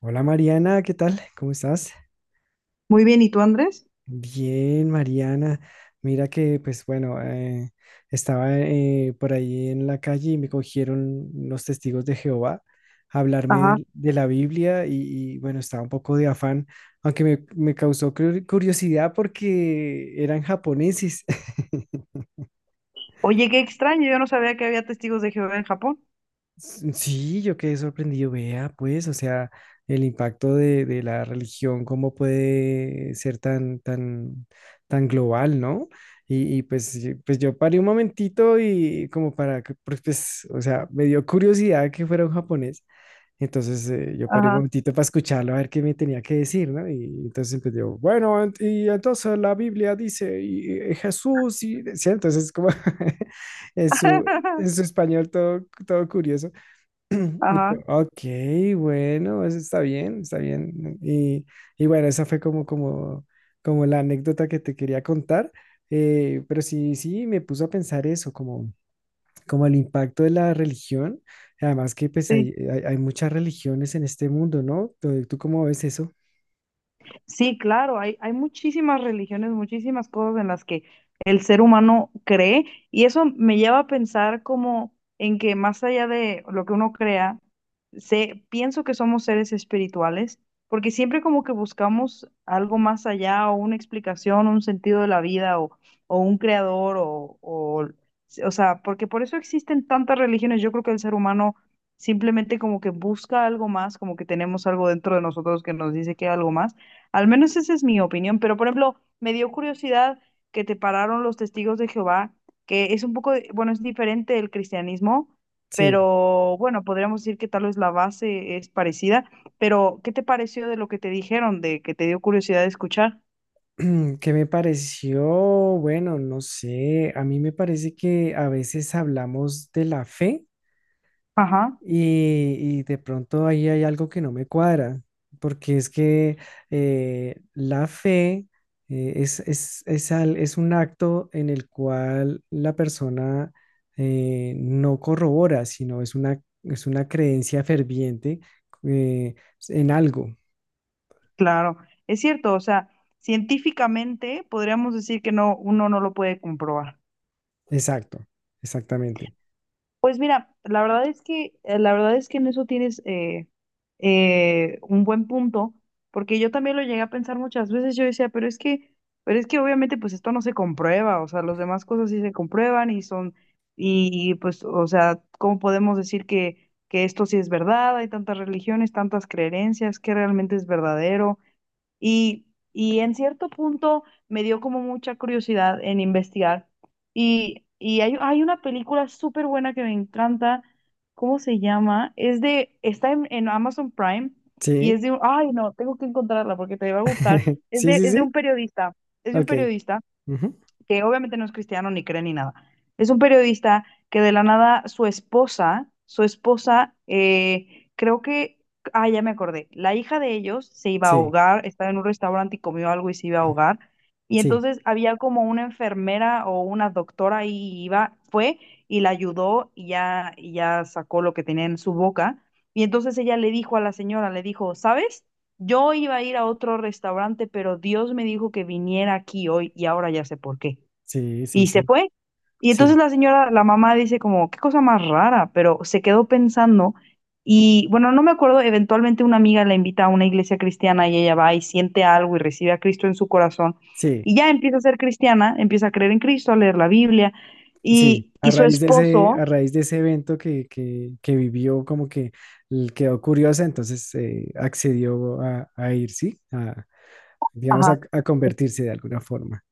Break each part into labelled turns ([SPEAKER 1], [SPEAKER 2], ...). [SPEAKER 1] Hola Mariana, ¿qué tal? ¿Cómo estás?
[SPEAKER 2] Muy bien, ¿y tú, Andrés?
[SPEAKER 1] Bien, Mariana. Mira que, pues bueno, estaba por ahí en la calle y me cogieron los testigos de Jehová a hablarme
[SPEAKER 2] Ajá.
[SPEAKER 1] de la Biblia y bueno, estaba un poco de afán, aunque me causó curiosidad porque eran japoneses.
[SPEAKER 2] Oye, qué extraño, yo no sabía que había testigos de Jehová en Japón.
[SPEAKER 1] Sí, yo quedé sorprendido, vea, pues, o sea, el impacto de la religión, cómo puede ser tan global, ¿no? Y pues sí, pues yo paré un momentito y como para que, pues o sea, me dio curiosidad que fuera un japonés, entonces yo paré un
[SPEAKER 2] Ajá.
[SPEAKER 1] momentito para escucharlo, a ver qué me tenía que decir, ¿no? Y entonces empezó, bueno, y entonces la Biblia dice, y Jesús, y decía, entonces como en en su español todo, todo curioso. Y
[SPEAKER 2] Ajá.
[SPEAKER 1] yo, ok, bueno, eso está bien, está bien. Y bueno, esa fue como la anécdota que te quería contar. Pero sí, sí, me puso a pensar eso, como, como el impacto de la religión. Además que pues
[SPEAKER 2] Sí.
[SPEAKER 1] hay muchas religiones en este mundo, ¿no? ¿Tú ¿cómo ves eso?
[SPEAKER 2] Sí, claro, hay muchísimas religiones, muchísimas cosas en las que el ser humano cree, y eso me lleva a pensar como en que más allá de lo que uno crea, sé, pienso que somos seres espirituales, porque siempre como que buscamos algo más allá, o una explicación, un sentido de la vida, o un creador, o, sea, porque por eso existen tantas religiones. Yo creo que el ser humano simplemente como que busca algo más, como que tenemos algo dentro de nosotros que nos dice que hay algo más. Al menos esa es mi opinión, pero, por ejemplo, me dio curiosidad que te pararon los testigos de Jehová, que es un poco, bueno, es diferente del cristianismo,
[SPEAKER 1] Sí.
[SPEAKER 2] pero bueno, podríamos decir que tal vez la base es parecida, pero ¿qué te pareció de lo que te dijeron, de que te dio curiosidad de escuchar?
[SPEAKER 1] ¿Qué me pareció? Bueno, no sé, a mí me parece que a veces hablamos de la fe.
[SPEAKER 2] Ajá,
[SPEAKER 1] Y de pronto ahí hay algo que no me cuadra, porque es que la fe es un acto en el cual la persona no corrobora, sino es es una creencia ferviente, eh, en algo.
[SPEAKER 2] claro, es cierto, o sea, científicamente podríamos decir que no, uno no lo puede comprobar.
[SPEAKER 1] Exacto, exactamente.
[SPEAKER 2] Pues mira, la verdad es que, en eso tienes, un buen punto, porque yo también lo llegué a pensar muchas veces. Yo decía, pero es que, obviamente pues esto no se comprueba, o sea, las demás cosas sí se comprueban y son, y pues, o sea, ¿cómo podemos decir que, esto sí es verdad? Hay tantas religiones, tantas creencias, que realmente es verdadero? Y, y en cierto punto me dio como mucha curiosidad en investigar. Y hay, una película súper buena que me encanta. ¿Cómo se llama? Está en, Amazon Prime, y
[SPEAKER 1] Sí,
[SPEAKER 2] ay no, tengo que encontrarla porque te va a gustar. Es
[SPEAKER 1] sí,
[SPEAKER 2] de,
[SPEAKER 1] sí,
[SPEAKER 2] es de
[SPEAKER 1] sí.
[SPEAKER 2] un periodista, es de un
[SPEAKER 1] Ok.
[SPEAKER 2] periodista
[SPEAKER 1] Ujú.
[SPEAKER 2] que obviamente no es cristiano, ni cree, ni nada. Es un periodista que, de la nada, su esposa, creo que, ah, ya me acordé, la hija de ellos se iba a
[SPEAKER 1] Sí,
[SPEAKER 2] ahogar. Estaba en un restaurante y comió algo y se iba a ahogar. Y
[SPEAKER 1] sí,
[SPEAKER 2] entonces había como una enfermera o una doctora ahí, y fue y la ayudó, y ya, sacó lo que tenía en su boca. Y entonces ella le dijo a la señora, le dijo, "¿Sabes? Yo iba a ir a otro restaurante, pero Dios me dijo que viniera aquí hoy, y ahora ya sé por qué",
[SPEAKER 1] sí, sí,
[SPEAKER 2] y se
[SPEAKER 1] sí,
[SPEAKER 2] fue. Y entonces
[SPEAKER 1] sí,
[SPEAKER 2] la señora, la mamá, dice como, "Qué cosa más rara", pero se quedó pensando. Y bueno, no me acuerdo, eventualmente una amiga la invita a una iglesia cristiana, y ella va y siente algo y recibe a Cristo en su corazón,
[SPEAKER 1] sí.
[SPEAKER 2] y ya empieza a ser cristiana, empieza a creer en Cristo, a leer la Biblia,
[SPEAKER 1] Sí,
[SPEAKER 2] y,
[SPEAKER 1] a
[SPEAKER 2] y su
[SPEAKER 1] raíz de ese,
[SPEAKER 2] esposo.
[SPEAKER 1] a raíz de ese evento que vivió, como que quedó curiosa, entonces accedió a ir, ¿sí? A, digamos,
[SPEAKER 2] Ajá.
[SPEAKER 1] a convertirse de alguna forma.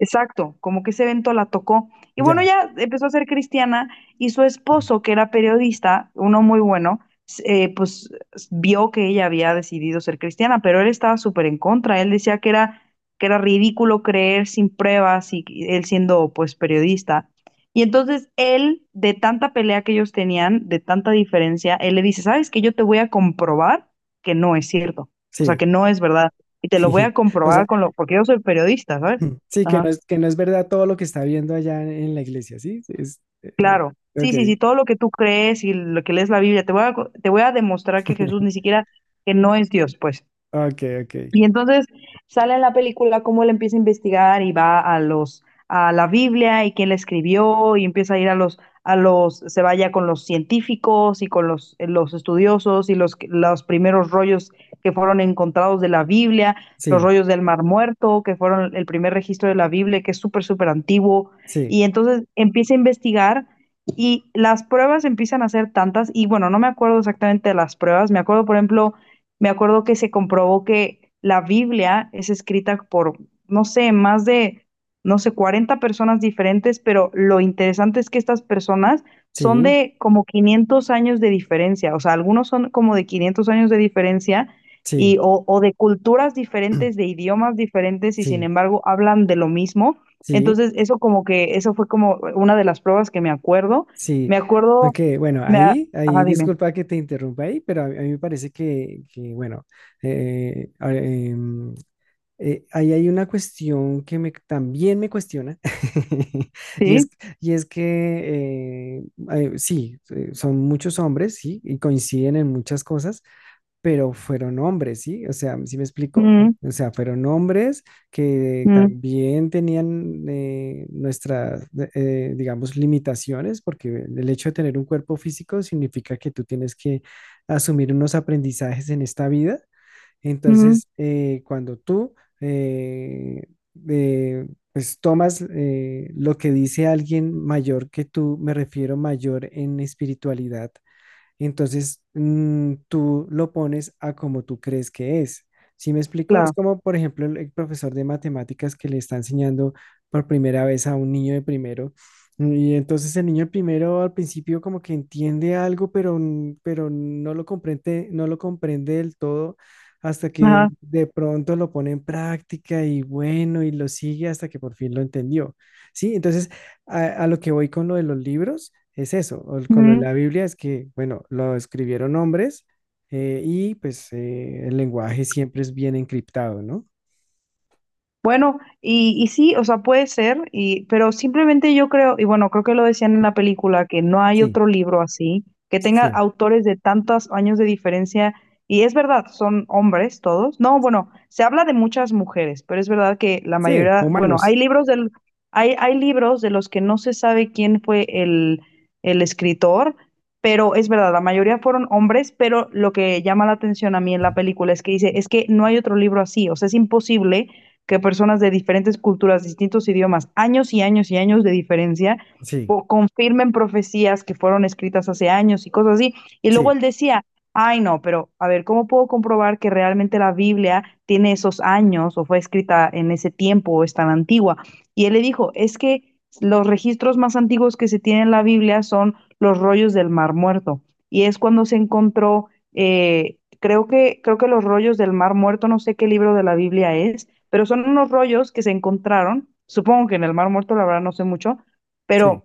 [SPEAKER 2] Exacto, como que ese evento la tocó. Y bueno,
[SPEAKER 1] Ya,
[SPEAKER 2] ya empezó a ser cristiana, y su esposo, que era periodista, uno muy bueno, pues vio que ella había decidido ser cristiana, pero él estaba súper en contra. Él decía que era, ridículo creer sin pruebas, y él siendo pues periodista. Y entonces él, de tanta pelea que ellos tenían, de tanta diferencia, él le dice, "¿Sabes que Yo te voy a comprobar que no es cierto, o sea,
[SPEAKER 1] sí.
[SPEAKER 2] que no es verdad. Y te lo voy a
[SPEAKER 1] O sea,
[SPEAKER 2] comprobar porque yo soy periodista, ¿sabes?
[SPEAKER 1] sí,
[SPEAKER 2] Ajá.
[SPEAKER 1] que no es verdad todo lo que está viendo allá en la iglesia, ¿sí? Es,
[SPEAKER 2] Claro. Sí, sí, sí,
[SPEAKER 1] ok,
[SPEAKER 2] todo lo que tú crees y lo que lees la Biblia, te voy a, te voy a demostrar que Jesús ni siquiera, que no es Dios, pues".
[SPEAKER 1] ok, ok.
[SPEAKER 2] Y entonces sale en la película cómo él empieza a investigar, y va a los a la Biblia, y quién la escribió, y empieza a ir a los se vaya con los científicos, y con los estudiosos, y los primeros rollos que fueron encontrados de la Biblia, los
[SPEAKER 1] Sí,
[SPEAKER 2] rollos del Mar Muerto, que fueron el primer registro de la Biblia, que es súper súper antiguo.
[SPEAKER 1] sí,
[SPEAKER 2] Y entonces empieza a investigar, y las pruebas empiezan a ser tantas. Y bueno, no me acuerdo exactamente de las pruebas. Me acuerdo, por ejemplo, me acuerdo que se comprobó que la Biblia es escrita por, no sé, más de, no sé, 40 personas diferentes, pero lo interesante es que estas personas son
[SPEAKER 1] sí,
[SPEAKER 2] de como 500 años de diferencia, o sea, algunos son como de 500 años de diferencia,
[SPEAKER 1] sí,
[SPEAKER 2] o de culturas diferentes, de idiomas diferentes, y sin
[SPEAKER 1] sí,
[SPEAKER 2] embargo hablan de lo mismo.
[SPEAKER 1] sí.
[SPEAKER 2] Entonces, eso fue como una de las pruebas que me acuerdo.
[SPEAKER 1] Sí,
[SPEAKER 2] Me acuerdo,
[SPEAKER 1] aunque bueno,
[SPEAKER 2] me, a- ajá, dime.
[SPEAKER 1] disculpa que te interrumpa ahí, pero a mí me parece bueno, eh, a- em, ahí hay una cuestión que me, también me cuestiona, y es,
[SPEAKER 2] Sí.
[SPEAKER 1] y es que sí, son muchos hombres, sí, y coinciden en muchas cosas, pero fueron hombres, ¿sí? O sea, ¿sí me explico?
[SPEAKER 2] Mm,
[SPEAKER 1] O sea, fueron hombres que
[SPEAKER 2] mm,
[SPEAKER 1] también tenían nuestras, digamos, limitaciones, porque el hecho de tener un cuerpo físico significa que tú tienes que asumir unos aprendizajes en esta vida.
[SPEAKER 2] mm.
[SPEAKER 1] Entonces, cuando tú, eh, pues tomas lo que dice alguien mayor que tú, me refiero mayor en espiritualidad, entonces, tú lo pones a como tú crees que es. ¿Sí me explico? Es
[SPEAKER 2] Claro.
[SPEAKER 1] como, por ejemplo, el profesor de matemáticas que le está enseñando por primera vez a un niño de primero. Y entonces el niño de primero al principio como que entiende algo, pero, pero no lo comprende, no lo comprende del todo hasta que
[SPEAKER 2] Ajá.
[SPEAKER 1] de pronto lo pone en práctica y bueno, y lo sigue hasta que por fin lo entendió. Sí, entonces a lo que voy con lo de los libros. Es eso, o con lo de
[SPEAKER 2] Ujú.
[SPEAKER 1] la Biblia es que, bueno, lo escribieron hombres, y pues el lenguaje siempre es bien encriptado, ¿no?
[SPEAKER 2] Bueno, y sí, o sea, puede ser, pero simplemente yo creo, y bueno, creo que lo decían en la película, que no hay
[SPEAKER 1] Sí,
[SPEAKER 2] otro libro así, que tenga
[SPEAKER 1] sí,
[SPEAKER 2] autores de tantos años de diferencia. Y es verdad, son hombres todos. No, bueno, se habla de muchas mujeres, pero es verdad que la
[SPEAKER 1] sí,
[SPEAKER 2] mayoría, bueno, hay
[SPEAKER 1] humanos,
[SPEAKER 2] libros del, hay, hay libros de los que no se sabe quién fue el, escritor, pero es verdad, la mayoría fueron hombres. Pero lo que llama la atención a mí en la película es que dice, es que no hay otro libro así, o sea, es imposible que personas de diferentes culturas, distintos idiomas, años y años y años de diferencia,
[SPEAKER 1] sí,
[SPEAKER 2] confirmen profecías que fueron escritas hace años, y cosas así. Y luego
[SPEAKER 1] sí,
[SPEAKER 2] él decía, "Ay no, pero a ver, ¿cómo puedo comprobar que realmente la Biblia tiene esos años, o fue escrita en ese tiempo, o es tan antigua?". Y él le dijo, es que los registros más antiguos que se tienen en la Biblia son los rollos del Mar Muerto. Y es cuando se encontró, creo que los rollos del Mar Muerto, no sé qué libro de la Biblia es, pero son unos rollos que se encontraron, supongo que en el Mar Muerto, la verdad no sé mucho,
[SPEAKER 1] sí,
[SPEAKER 2] pero,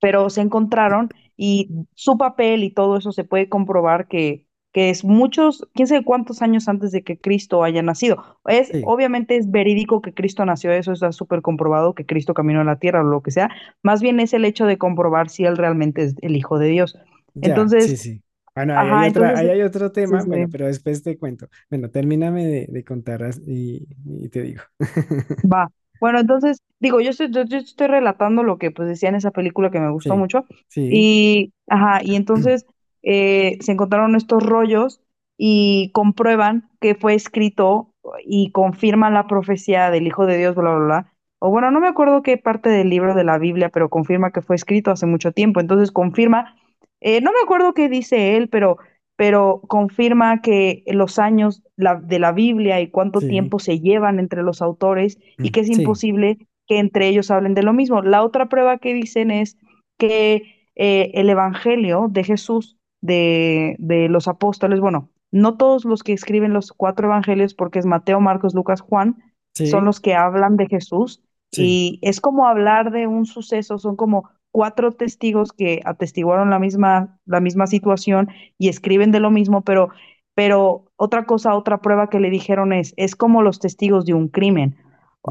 [SPEAKER 2] se encontraron, y su papel y todo eso se puede comprobar que, es muchos, quién sabe cuántos años antes de que Cristo haya nacido.
[SPEAKER 1] sí,
[SPEAKER 2] Obviamente es verídico que Cristo nació, eso está súper comprobado, que Cristo caminó a la tierra o lo que sea. Más bien es el hecho de comprobar si él realmente es el Hijo de Dios.
[SPEAKER 1] ya, sí,
[SPEAKER 2] Entonces,
[SPEAKER 1] sí. Bueno,
[SPEAKER 2] ajá, entonces,
[SPEAKER 1] ahí hay otro
[SPEAKER 2] sí,
[SPEAKER 1] tema,
[SPEAKER 2] sí.
[SPEAKER 1] bueno, pero después te cuento. Bueno, termíname de contar y te digo.
[SPEAKER 2] Va. Bueno, entonces, digo, yo estoy relatando lo que pues decía en esa película que me gustó
[SPEAKER 1] Sí,
[SPEAKER 2] mucho.
[SPEAKER 1] sí,
[SPEAKER 2] Ajá, y entonces, se encontraron estos rollos, y comprueban que fue escrito y confirman la profecía del Hijo de Dios, bla, bla, bla. O bueno, no me acuerdo qué parte del libro de la Biblia, pero confirma que fue escrito hace mucho tiempo. Entonces confirma, no me acuerdo qué dice él, pero, confirma que los años de la Biblia, y cuánto
[SPEAKER 1] sí,
[SPEAKER 2] tiempo se llevan entre los autores, y
[SPEAKER 1] mm,
[SPEAKER 2] que es
[SPEAKER 1] sí,
[SPEAKER 2] imposible que entre ellos hablen de lo mismo. La otra prueba que dicen es que, el Evangelio de Jesús, de los apóstoles, bueno, no todos los que escriben, los cuatro Evangelios, porque es Mateo, Marcos, Lucas, Juan, son
[SPEAKER 1] sí,
[SPEAKER 2] los que hablan de Jesús,
[SPEAKER 1] sí,
[SPEAKER 2] y es como hablar de un suceso, son como cuatro testigos que atestiguaron la misma, situación, y escriben de lo mismo. Pero, otra cosa, otra prueba que le dijeron, es, como los testigos de un crimen.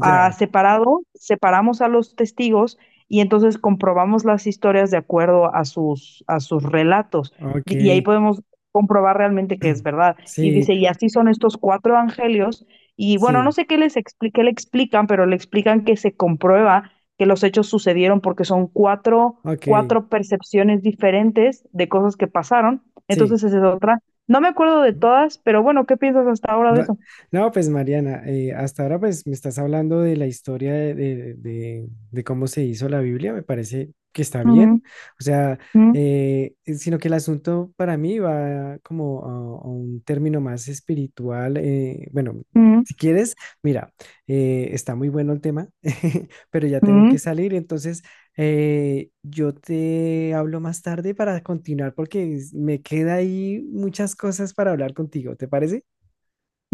[SPEAKER 2] Separamos a los testigos, y entonces comprobamos las historias de acuerdo a sus, relatos.
[SPEAKER 1] ok,
[SPEAKER 2] Y ahí podemos comprobar realmente que es verdad. Y
[SPEAKER 1] sí,
[SPEAKER 2] dice, y así son estos cuatro evangelios. Y bueno, no
[SPEAKER 1] sí,
[SPEAKER 2] sé qué le explican, pero le explican que se comprueba que los hechos sucedieron, porque son cuatro,
[SPEAKER 1] ok,
[SPEAKER 2] percepciones diferentes de cosas que pasaron.
[SPEAKER 1] sí.
[SPEAKER 2] Entonces, esa es otra. No me acuerdo de todas, pero bueno, ¿qué piensas hasta ahora de
[SPEAKER 1] Va-
[SPEAKER 2] eso?
[SPEAKER 1] No, pues Mariana, hasta ahora pues me estás hablando de la historia de cómo se hizo la Biblia, me parece que está
[SPEAKER 2] Uh
[SPEAKER 1] bien,
[SPEAKER 2] -huh.
[SPEAKER 1] o sea,
[SPEAKER 2] Uh
[SPEAKER 1] sino que el asunto para mí va como a un término más espiritual, bueno,
[SPEAKER 2] -huh.
[SPEAKER 1] si quieres, mira, está muy bueno el tema, pero ya
[SPEAKER 2] Uh
[SPEAKER 1] tengo
[SPEAKER 2] -huh.
[SPEAKER 1] que salir, entonces yo te hablo más tarde para continuar porque me queda ahí muchas cosas para hablar contigo, ¿te parece?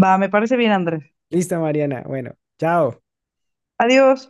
[SPEAKER 2] Va, me parece bien, Andrés.
[SPEAKER 1] Listo, Mariana. Bueno, chao.
[SPEAKER 2] Adiós.